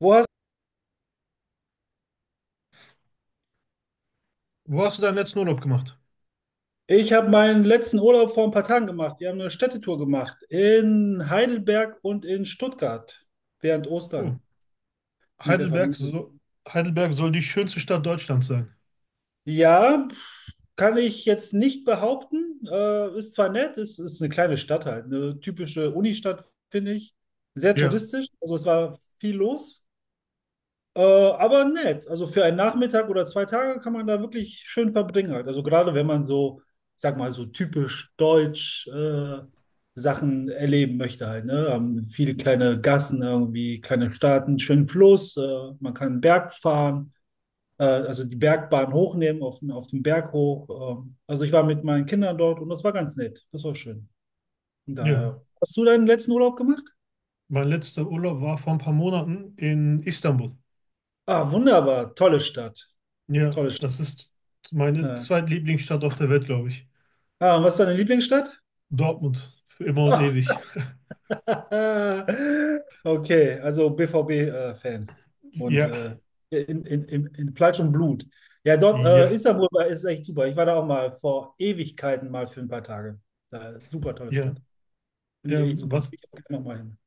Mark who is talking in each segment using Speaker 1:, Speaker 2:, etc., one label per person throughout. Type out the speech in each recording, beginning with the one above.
Speaker 1: Wo hast
Speaker 2: Wo hast du deinen letzten Urlaub gemacht?
Speaker 1: Ich habe meinen letzten Urlaub vor ein paar Tagen gemacht. Wir haben eine Städtetour gemacht in Heidelberg und in Stuttgart während
Speaker 2: Oh,
Speaker 1: Ostern mit der
Speaker 2: Heidelberg,
Speaker 1: Familie.
Speaker 2: so, Heidelberg soll die schönste Stadt Deutschlands sein.
Speaker 1: Ja, kann ich jetzt nicht behaupten. Ist zwar nett, ist eine kleine Stadt halt, eine typische Unistadt, finde ich. Sehr
Speaker 2: Ja,
Speaker 1: touristisch, also es war viel los. Aber nett. Also für einen Nachmittag oder zwei Tage kann man da wirklich schön verbringen halt. Also gerade wenn man so, ich sag mal, so typisch deutsch Sachen erleben möchte halt, ne? Haben viele kleine Gassen irgendwie, kleine Staaten, schönen Fluss, man kann einen Berg fahren, also die Bergbahn hochnehmen, auf, auf den Berg hoch. Also ich war mit meinen Kindern dort und das war ganz nett. Das war schön. Und
Speaker 2: ja.
Speaker 1: daher, hast du deinen letzten Urlaub gemacht?
Speaker 2: Mein letzter Urlaub war vor ein paar Monaten in Istanbul.
Speaker 1: Ah, wunderbar. Tolle Stadt.
Speaker 2: Ja,
Speaker 1: Tolle Stadt.
Speaker 2: das ist meine
Speaker 1: Ja.
Speaker 2: zweitlieblingsstadt auf der Welt, glaube ich.
Speaker 1: Ah, und was ist deine Lieblingsstadt?
Speaker 2: Dortmund, für immer und ewig.
Speaker 1: Okay, also BVB-Fan. Und
Speaker 2: Ja,
Speaker 1: in Fleisch und Blut. Ja, dort,
Speaker 2: ja,
Speaker 1: Istanbul ist echt super. Ich war da auch mal vor Ewigkeiten mal für ein paar Tage. Da, super tolle
Speaker 2: ja.
Speaker 1: Stadt. Finde ich echt super.
Speaker 2: Was,
Speaker 1: Ich auch gerne noch mal hin.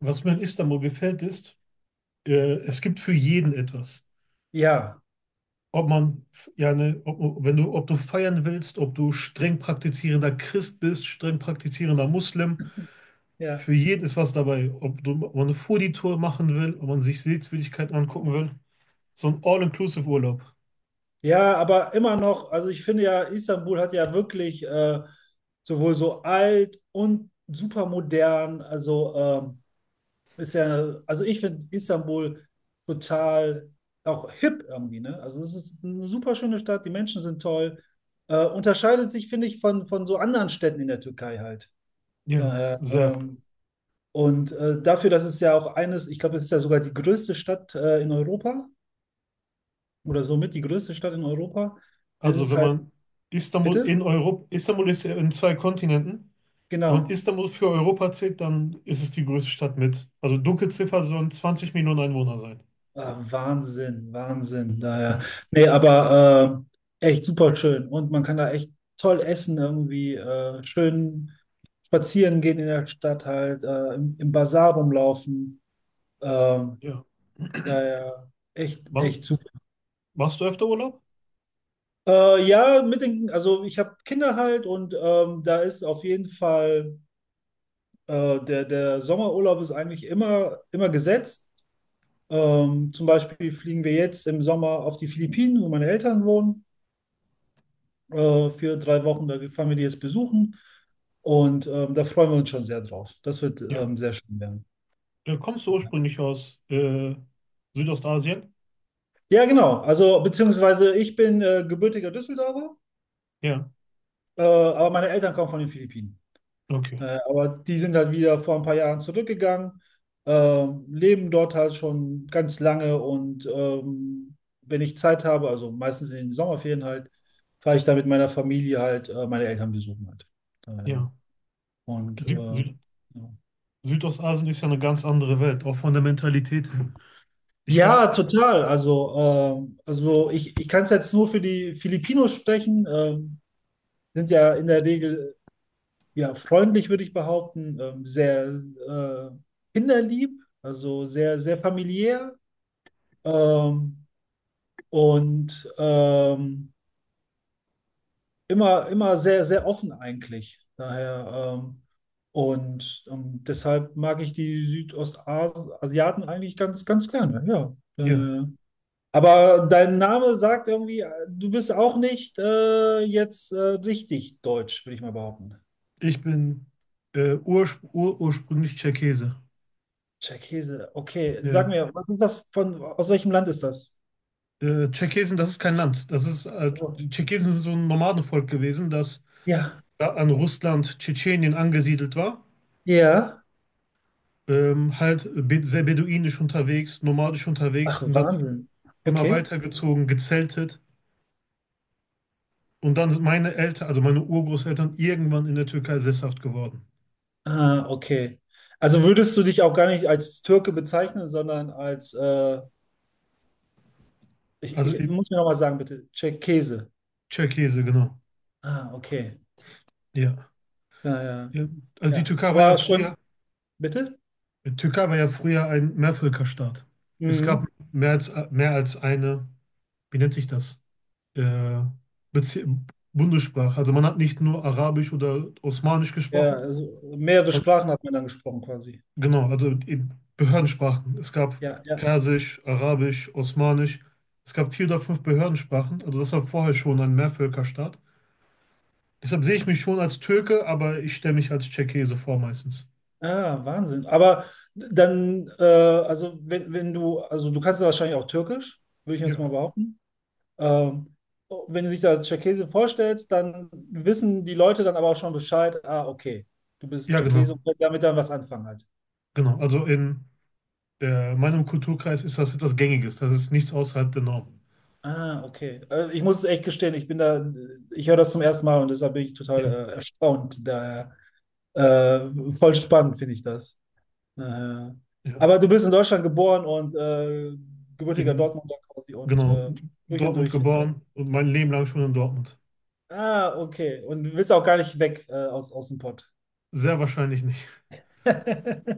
Speaker 2: was mir in Istanbul gefällt, ist, es gibt für jeden etwas.
Speaker 1: Ja,
Speaker 2: Ob man, f- ja, ne, ob, Wenn du, ob du feiern willst, ob du streng praktizierender Christ bist, streng praktizierender Muslim,
Speaker 1: ja.
Speaker 2: für jeden ist was dabei. Ob man eine Foodie-Tour machen will, ob man sich Sehenswürdigkeiten angucken will. So ein All-Inclusive-Urlaub.
Speaker 1: Ja, aber immer noch, also ich finde ja, Istanbul hat ja wirklich sowohl so alt und super modern. Also ist ja, also ich finde Istanbul total auch hip irgendwie, ne? Also es ist eine super schöne Stadt, die Menschen sind toll. Unterscheidet sich, finde ich, von so anderen Städten in der Türkei halt.
Speaker 2: Ja,
Speaker 1: Daher,
Speaker 2: sehr.
Speaker 1: und dafür, dass es ja auch eines, ich glaube, es ist ja sogar die größte Stadt in Europa oder somit die größte Stadt in Europa, ist
Speaker 2: Also
Speaker 1: es
Speaker 2: wenn
Speaker 1: halt,
Speaker 2: man Istanbul in
Speaker 1: bitte?
Speaker 2: Europa, Istanbul ist ja in zwei Kontinenten. Wenn man
Speaker 1: Genau.
Speaker 2: Istanbul für Europa zählt, dann ist es die größte Stadt mit. Also Dunkelziffer sollen 20 Millionen Einwohner sein.
Speaker 1: Ah, Wahnsinn, Wahnsinn.
Speaker 2: Ja.
Speaker 1: Daher. Nee, aber echt super schön. Und man kann da echt toll essen, irgendwie schön spazieren gehen in der Stadt halt, im Basar rumlaufen. Ähm,
Speaker 2: Ja.
Speaker 1: ja, ja,
Speaker 2: Ma-
Speaker 1: echt super.
Speaker 2: Machst du öfter Urlaub?
Speaker 1: Ja, mit den, also ich habe Kinder halt und da ist auf jeden Fall der Sommerurlaub ist eigentlich immer gesetzt. Zum Beispiel fliegen wir jetzt im Sommer auf die Philippinen, wo meine Eltern wohnen. Für drei Wochen. Da fahren wir die jetzt besuchen und da freuen wir uns schon sehr drauf. Das wird
Speaker 2: Ja.
Speaker 1: sehr schön werden.
Speaker 2: Kommst du ursprünglich aus Südostasien?
Speaker 1: Ja, genau. Also, beziehungsweise ich bin gebürtiger Düsseldorfer,
Speaker 2: Ja.
Speaker 1: aber meine Eltern kommen von den Philippinen.
Speaker 2: Okay.
Speaker 1: Aber die sind halt wieder vor ein paar Jahren zurückgegangen, leben dort halt schon ganz lange und wenn ich Zeit habe, also meistens in den Sommerferien halt, fahre ich da mit meiner Familie halt meine Eltern besuchen halt. Äh,
Speaker 2: Ja.
Speaker 1: und äh,
Speaker 2: Süd, Süd,
Speaker 1: ja.
Speaker 2: Südostasien ist ja eine ganz andere Welt, auch von der Mentalität her. Ich
Speaker 1: Ja,
Speaker 2: war,
Speaker 1: total. Also ich kann es jetzt nur für die Filipinos sprechen. Sind ja in der Regel ja freundlich, würde ich behaupten, sehr äh, kinderlieb, also sehr familiär, ähm, und ähm, immer sehr offen eigentlich. Daher deshalb mag ich die Südostasiaten eigentlich ganz gerne. Ja.
Speaker 2: ja,
Speaker 1: Äh, Aber dein Name sagt irgendwie, du bist auch nicht jetzt richtig deutsch, würde ich mal behaupten.
Speaker 2: ich bin ursprünglich Tscherkesse.
Speaker 1: Tscherkesse, okay. Sag
Speaker 2: Ja.
Speaker 1: mir, was ist das von, aus welchem Land ist das?
Speaker 2: Tscherkesen, das ist kein Land. Das ist,
Speaker 1: Oh.
Speaker 2: die Tscherkesen sind so ein Nomadenvolk gewesen, das
Speaker 1: Ja.
Speaker 2: da an Russland, Tschetschenien angesiedelt war.
Speaker 1: Ja.
Speaker 2: Halt be sehr beduinisch unterwegs, nomadisch unterwegs,
Speaker 1: Ach,
Speaker 2: sind dann
Speaker 1: Wahnsinn.
Speaker 2: immer
Speaker 1: Okay.
Speaker 2: weitergezogen, gezeltet. Und dann sind meine Eltern, also meine Urgroßeltern, irgendwann in der Türkei sesshaft geworden.
Speaker 1: Ah, okay. Also würdest du dich auch gar nicht als Türke bezeichnen, sondern als,
Speaker 2: Also
Speaker 1: ich muss mir nochmal sagen, bitte, Tscherkesse.
Speaker 2: Tscherkesse, genau.
Speaker 1: Ah, okay.
Speaker 2: Ja.
Speaker 1: Ja, ja.
Speaker 2: Ja, also die
Speaker 1: Ja.
Speaker 2: Türkei war ja
Speaker 1: Aber schon,
Speaker 2: früher,
Speaker 1: bitte?
Speaker 2: die Türkei war ja früher ein Mehrvölkerstaat. Es gab
Speaker 1: Mhm.
Speaker 2: mehr als eine, wie nennt sich das? Äh, Bezie- Bundessprache. Also man hat nicht nur Arabisch oder Osmanisch
Speaker 1: Ja,
Speaker 2: gesprochen.
Speaker 1: also mehrere
Speaker 2: Man,
Speaker 1: Sprachen hat man dann gesprochen quasi.
Speaker 2: genau, also eben Behördensprachen. Es gab
Speaker 1: Ja, ja.
Speaker 2: Persisch, Arabisch, Osmanisch. Es gab vier oder fünf Behördensprachen. Also das war vorher schon ein Mehrvölkerstaat. Deshalb sehe ich mich schon als Türke, aber ich stelle mich als Tscherkesse vor meistens.
Speaker 1: Ah, Wahnsinn. Aber dann, also wenn du, also du kannst ja wahrscheinlich auch Türkisch, würde ich jetzt mal
Speaker 2: Ja,
Speaker 1: behaupten. Ähm, wenn du dich da als Tscherkesse vorstellst, dann wissen die Leute dann aber auch schon Bescheid, ah, okay, du bist
Speaker 2: ja, genau.
Speaker 1: Tscherkesse und können damit dann was anfangen halt.
Speaker 2: Genau, also in meinem Kulturkreis ist das etwas Gängiges. Das ist nichts außerhalb der Norm.
Speaker 1: Ah, okay. Ich muss es echt gestehen, ich bin da, ich höre das zum ersten Mal und deshalb bin ich total
Speaker 2: Ja,
Speaker 1: erstaunt. Daher äh, voll spannend finde ich das. Naja.
Speaker 2: ja.
Speaker 1: Aber du bist in Deutschland geboren und gebürtiger
Speaker 2: In,
Speaker 1: Dortmunder quasi und
Speaker 2: genau, in
Speaker 1: durch und
Speaker 2: Dortmund
Speaker 1: durch.
Speaker 2: geboren und mein Leben lang schon in Dortmund.
Speaker 1: Ah, okay. Und willst auch gar nicht weg aus dem Pott.
Speaker 2: Sehr wahrscheinlich nicht.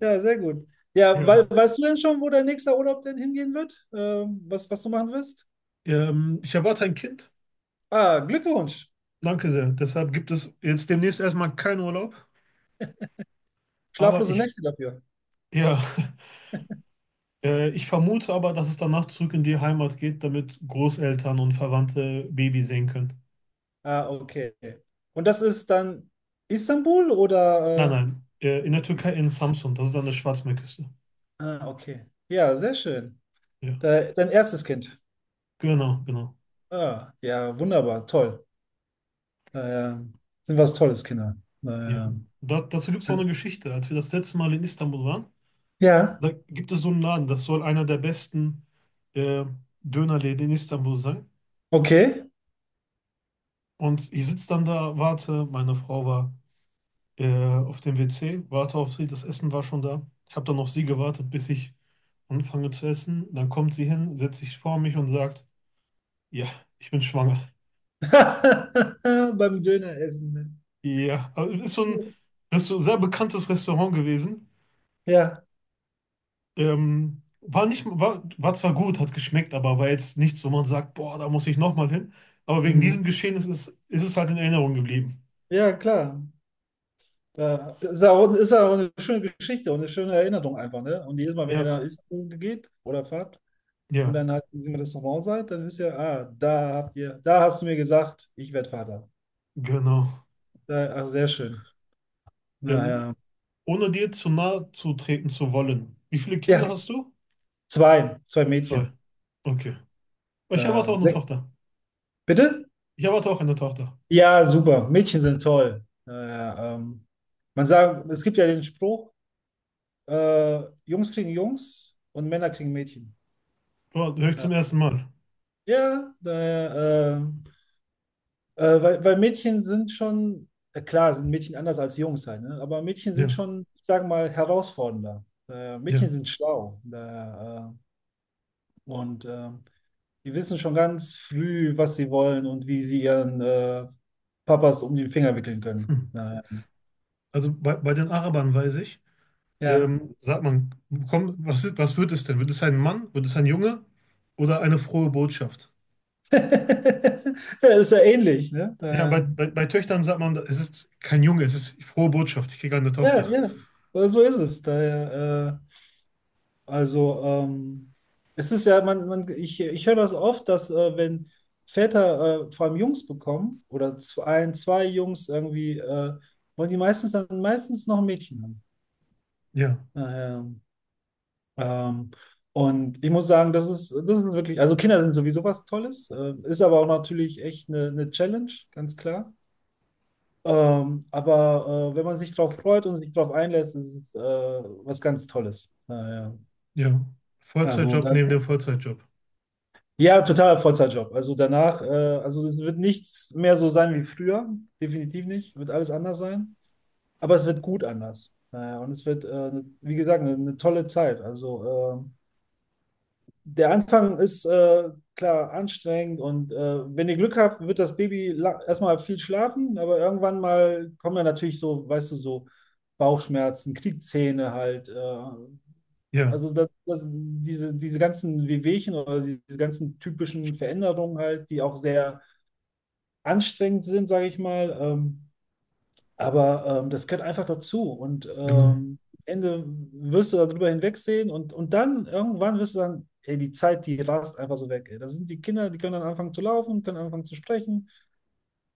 Speaker 1: Ja, sehr gut. Ja,
Speaker 2: Ja.
Speaker 1: weißt du denn schon, wo dein nächster Urlaub denn hingehen wird? Was du machen wirst?
Speaker 2: Ich erwarte ein Kind.
Speaker 1: Ah, Glückwunsch.
Speaker 2: Danke sehr. Deshalb gibt es jetzt demnächst erstmal keinen Urlaub. Aber
Speaker 1: Schlaflose
Speaker 2: ich,
Speaker 1: Nächte dafür.
Speaker 2: ja, ich vermute aber, dass es danach zurück in die Heimat geht, damit Großeltern und Verwandte Baby sehen können.
Speaker 1: Ah, okay. Und das ist dann Istanbul
Speaker 2: Nein,
Speaker 1: oder?
Speaker 2: nein. In der
Speaker 1: Ja.
Speaker 2: Türkei in Samsun. Das ist an der Schwarzmeerküste.
Speaker 1: Ah, okay. Ja, sehr schön.
Speaker 2: Ja.
Speaker 1: Dein erstes Kind.
Speaker 2: Genau, genau.
Speaker 1: Ah, ja, wunderbar, toll. Äh, Sind was Tolles, Kinder.
Speaker 2: Ja,
Speaker 1: Naja.
Speaker 2: da, dazu gibt es auch eine Geschichte. Als wir das letzte Mal in Istanbul waren,
Speaker 1: Ja,
Speaker 2: da gibt es so einen Laden, das soll einer der besten äh, Dönerläden in Istanbul sein.
Speaker 1: okay.
Speaker 2: Und ich sitze dann da, warte, meine Frau war auf dem WC, warte auf sie, das Essen war schon da. Ich habe dann auf sie gewartet, bis ich anfange zu essen. Dann kommt sie hin, setzt sich vor mich und sagt, ja, ich bin schwanger.
Speaker 1: Beim Döner essen, ne?
Speaker 2: Ja, also ist so ein, ist so ein sehr bekanntes Restaurant gewesen.
Speaker 1: Ja,
Speaker 2: War nicht, war, war zwar gut, hat geschmeckt, aber war jetzt nichts, wo man sagt, boah, da muss ich nochmal hin. Aber wegen
Speaker 1: mhm.
Speaker 2: diesem Geschehen ist es halt in Erinnerung geblieben.
Speaker 1: Ja, klar. Da ist ja auch eine schöne Geschichte und eine schöne Erinnerung einfach, ne? Und jedes Mal, wenn ihr nach
Speaker 2: Ja,
Speaker 1: Istanbul geht oder fahrt und
Speaker 2: ja,
Speaker 1: dann halt im Restaurant seid, dann wisst ihr, ah, da habt ihr, da hast du mir gesagt, ich werde Vater.
Speaker 2: genau.
Speaker 1: Da, ach, sehr schön.
Speaker 2: Ähm,
Speaker 1: Naja.
Speaker 2: ohne dir zu nahe zu treten zu wollen. Wie viele Kinder
Speaker 1: Ja,
Speaker 2: hast du?
Speaker 1: zwei, zwei
Speaker 2: Zwei.
Speaker 1: Mädchen.
Speaker 2: Okay. Ich erwarte auch
Speaker 1: Da,
Speaker 2: eine Tochter.
Speaker 1: bitte?
Speaker 2: Ich erwarte auch eine Tochter.
Speaker 1: Ja, super. Mädchen sind toll. Man sagt, es gibt ja den Spruch, Jungs kriegen Jungs und Männer kriegen Mädchen.
Speaker 2: Boah, höre ich
Speaker 1: Ja,
Speaker 2: zum ersten Mal.
Speaker 1: ja da, äh, weil Mädchen sind schon, klar, sind Mädchen anders als Jungs halt, ne? Aber Mädchen sind
Speaker 2: Ja,
Speaker 1: schon, ich sag mal, herausfordernder.
Speaker 2: ja.
Speaker 1: Mädchen sind schlau. Da, äh, und äh, die wissen schon ganz früh, was sie wollen und wie sie ihren Papas um den Finger wickeln können.
Speaker 2: Hm.
Speaker 1: Na,
Speaker 2: Also bei den Arabern weiß ich,
Speaker 1: ja.
Speaker 2: sagt man, komm, was wird es denn? Wird es ein Mann? Wird es ein Junge? Oder eine frohe Botschaft?
Speaker 1: Ja, ist ja ähnlich, ne?
Speaker 2: Ja,
Speaker 1: Da,
Speaker 2: bei Töchtern sagt man, es ist kein Junge, es ist frohe Botschaft, ich kriege eine
Speaker 1: ja,
Speaker 2: Tochter.
Speaker 1: ja, so ist es. Daher, also, ähm, es ist ja, ich höre das oft, dass wenn Väter vor allem Jungs bekommen oder ein, zwei Jungs irgendwie, wollen die meistens dann meistens noch ein Mädchen haben.
Speaker 2: Ja,
Speaker 1: Daher, ähm, und ich muss sagen, das ist wirklich, also Kinder sind sowieso was Tolles, ist aber auch natürlich echt eine Challenge, ganz klar. Wenn man sich drauf freut und sich drauf einlässt, ist es was ganz Tolles. Naja.
Speaker 2: ja.
Speaker 1: Also,
Speaker 2: Vollzeitjob
Speaker 1: da,
Speaker 2: neben dem Vollzeitjob.
Speaker 1: ja, totaler Vollzeitjob. Also danach, also es wird nichts mehr so sein wie früher. Definitiv nicht. Wird alles anders sein. Aber es wird gut anders. Naja, und es wird, wie gesagt, eine tolle Zeit. Also ähm, der Anfang ist klar anstrengend und wenn ihr Glück habt, wird das Baby erstmal viel schlafen, aber irgendwann mal kommen ja natürlich so, weißt du, so Bauchschmerzen, Kniezähne halt.
Speaker 2: Ja,
Speaker 1: Also diese ganzen Wehwehchen oder diese ganzen typischen Veränderungen halt, die auch sehr anstrengend sind, sage ich mal. Das gehört einfach dazu. Und
Speaker 2: genau.
Speaker 1: am Ende wirst du darüber hinwegsehen und dann irgendwann wirst du sagen, ey, die Zeit, die rast einfach so weg. Ey. Da sind die Kinder, die können dann anfangen zu laufen, können anfangen zu sprechen,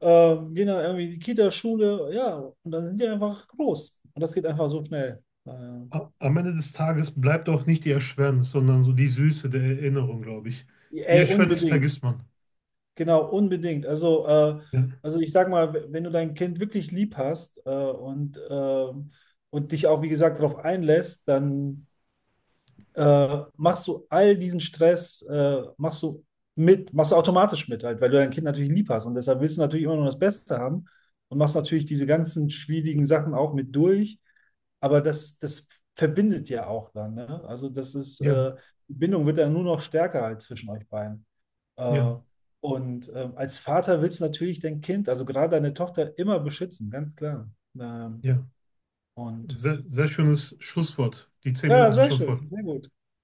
Speaker 1: gehen dann irgendwie in die Kita, Schule, ja, und dann sind die einfach groß. Und das geht einfach so schnell.
Speaker 2: Am Ende des Tages bleibt auch nicht die Erschwernis, sondern so die Süße der Erinnerung, glaube ich. Die
Speaker 1: Ey,
Speaker 2: Erschwernis
Speaker 1: unbedingt.
Speaker 2: vergisst man.
Speaker 1: Genau, unbedingt. Also,
Speaker 2: Ja,
Speaker 1: ich sag mal, wenn du dein Kind wirklich lieb hast und dich auch, wie gesagt, darauf einlässt, dann machst du all diesen Stress, machst du mit, machst du automatisch mit, halt, weil du dein Kind natürlich lieb hast und deshalb willst du natürlich immer nur das Beste haben und machst natürlich diese ganzen schwierigen Sachen auch mit durch, aber das verbindet ja auch dann, ne? Also das ist,
Speaker 2: ja,
Speaker 1: die Bindung wird dann nur noch stärker halt zwischen euch beiden. Äh,
Speaker 2: ja,
Speaker 1: Als Vater willst du natürlich dein Kind, also gerade deine Tochter, immer beschützen, ganz klar. Ähm,
Speaker 2: ja.
Speaker 1: und
Speaker 2: Sehr, sehr schönes Schlusswort. Die zehn
Speaker 1: ja,
Speaker 2: Minuten sind
Speaker 1: sehr
Speaker 2: schon voll.
Speaker 1: schön, sehr gut.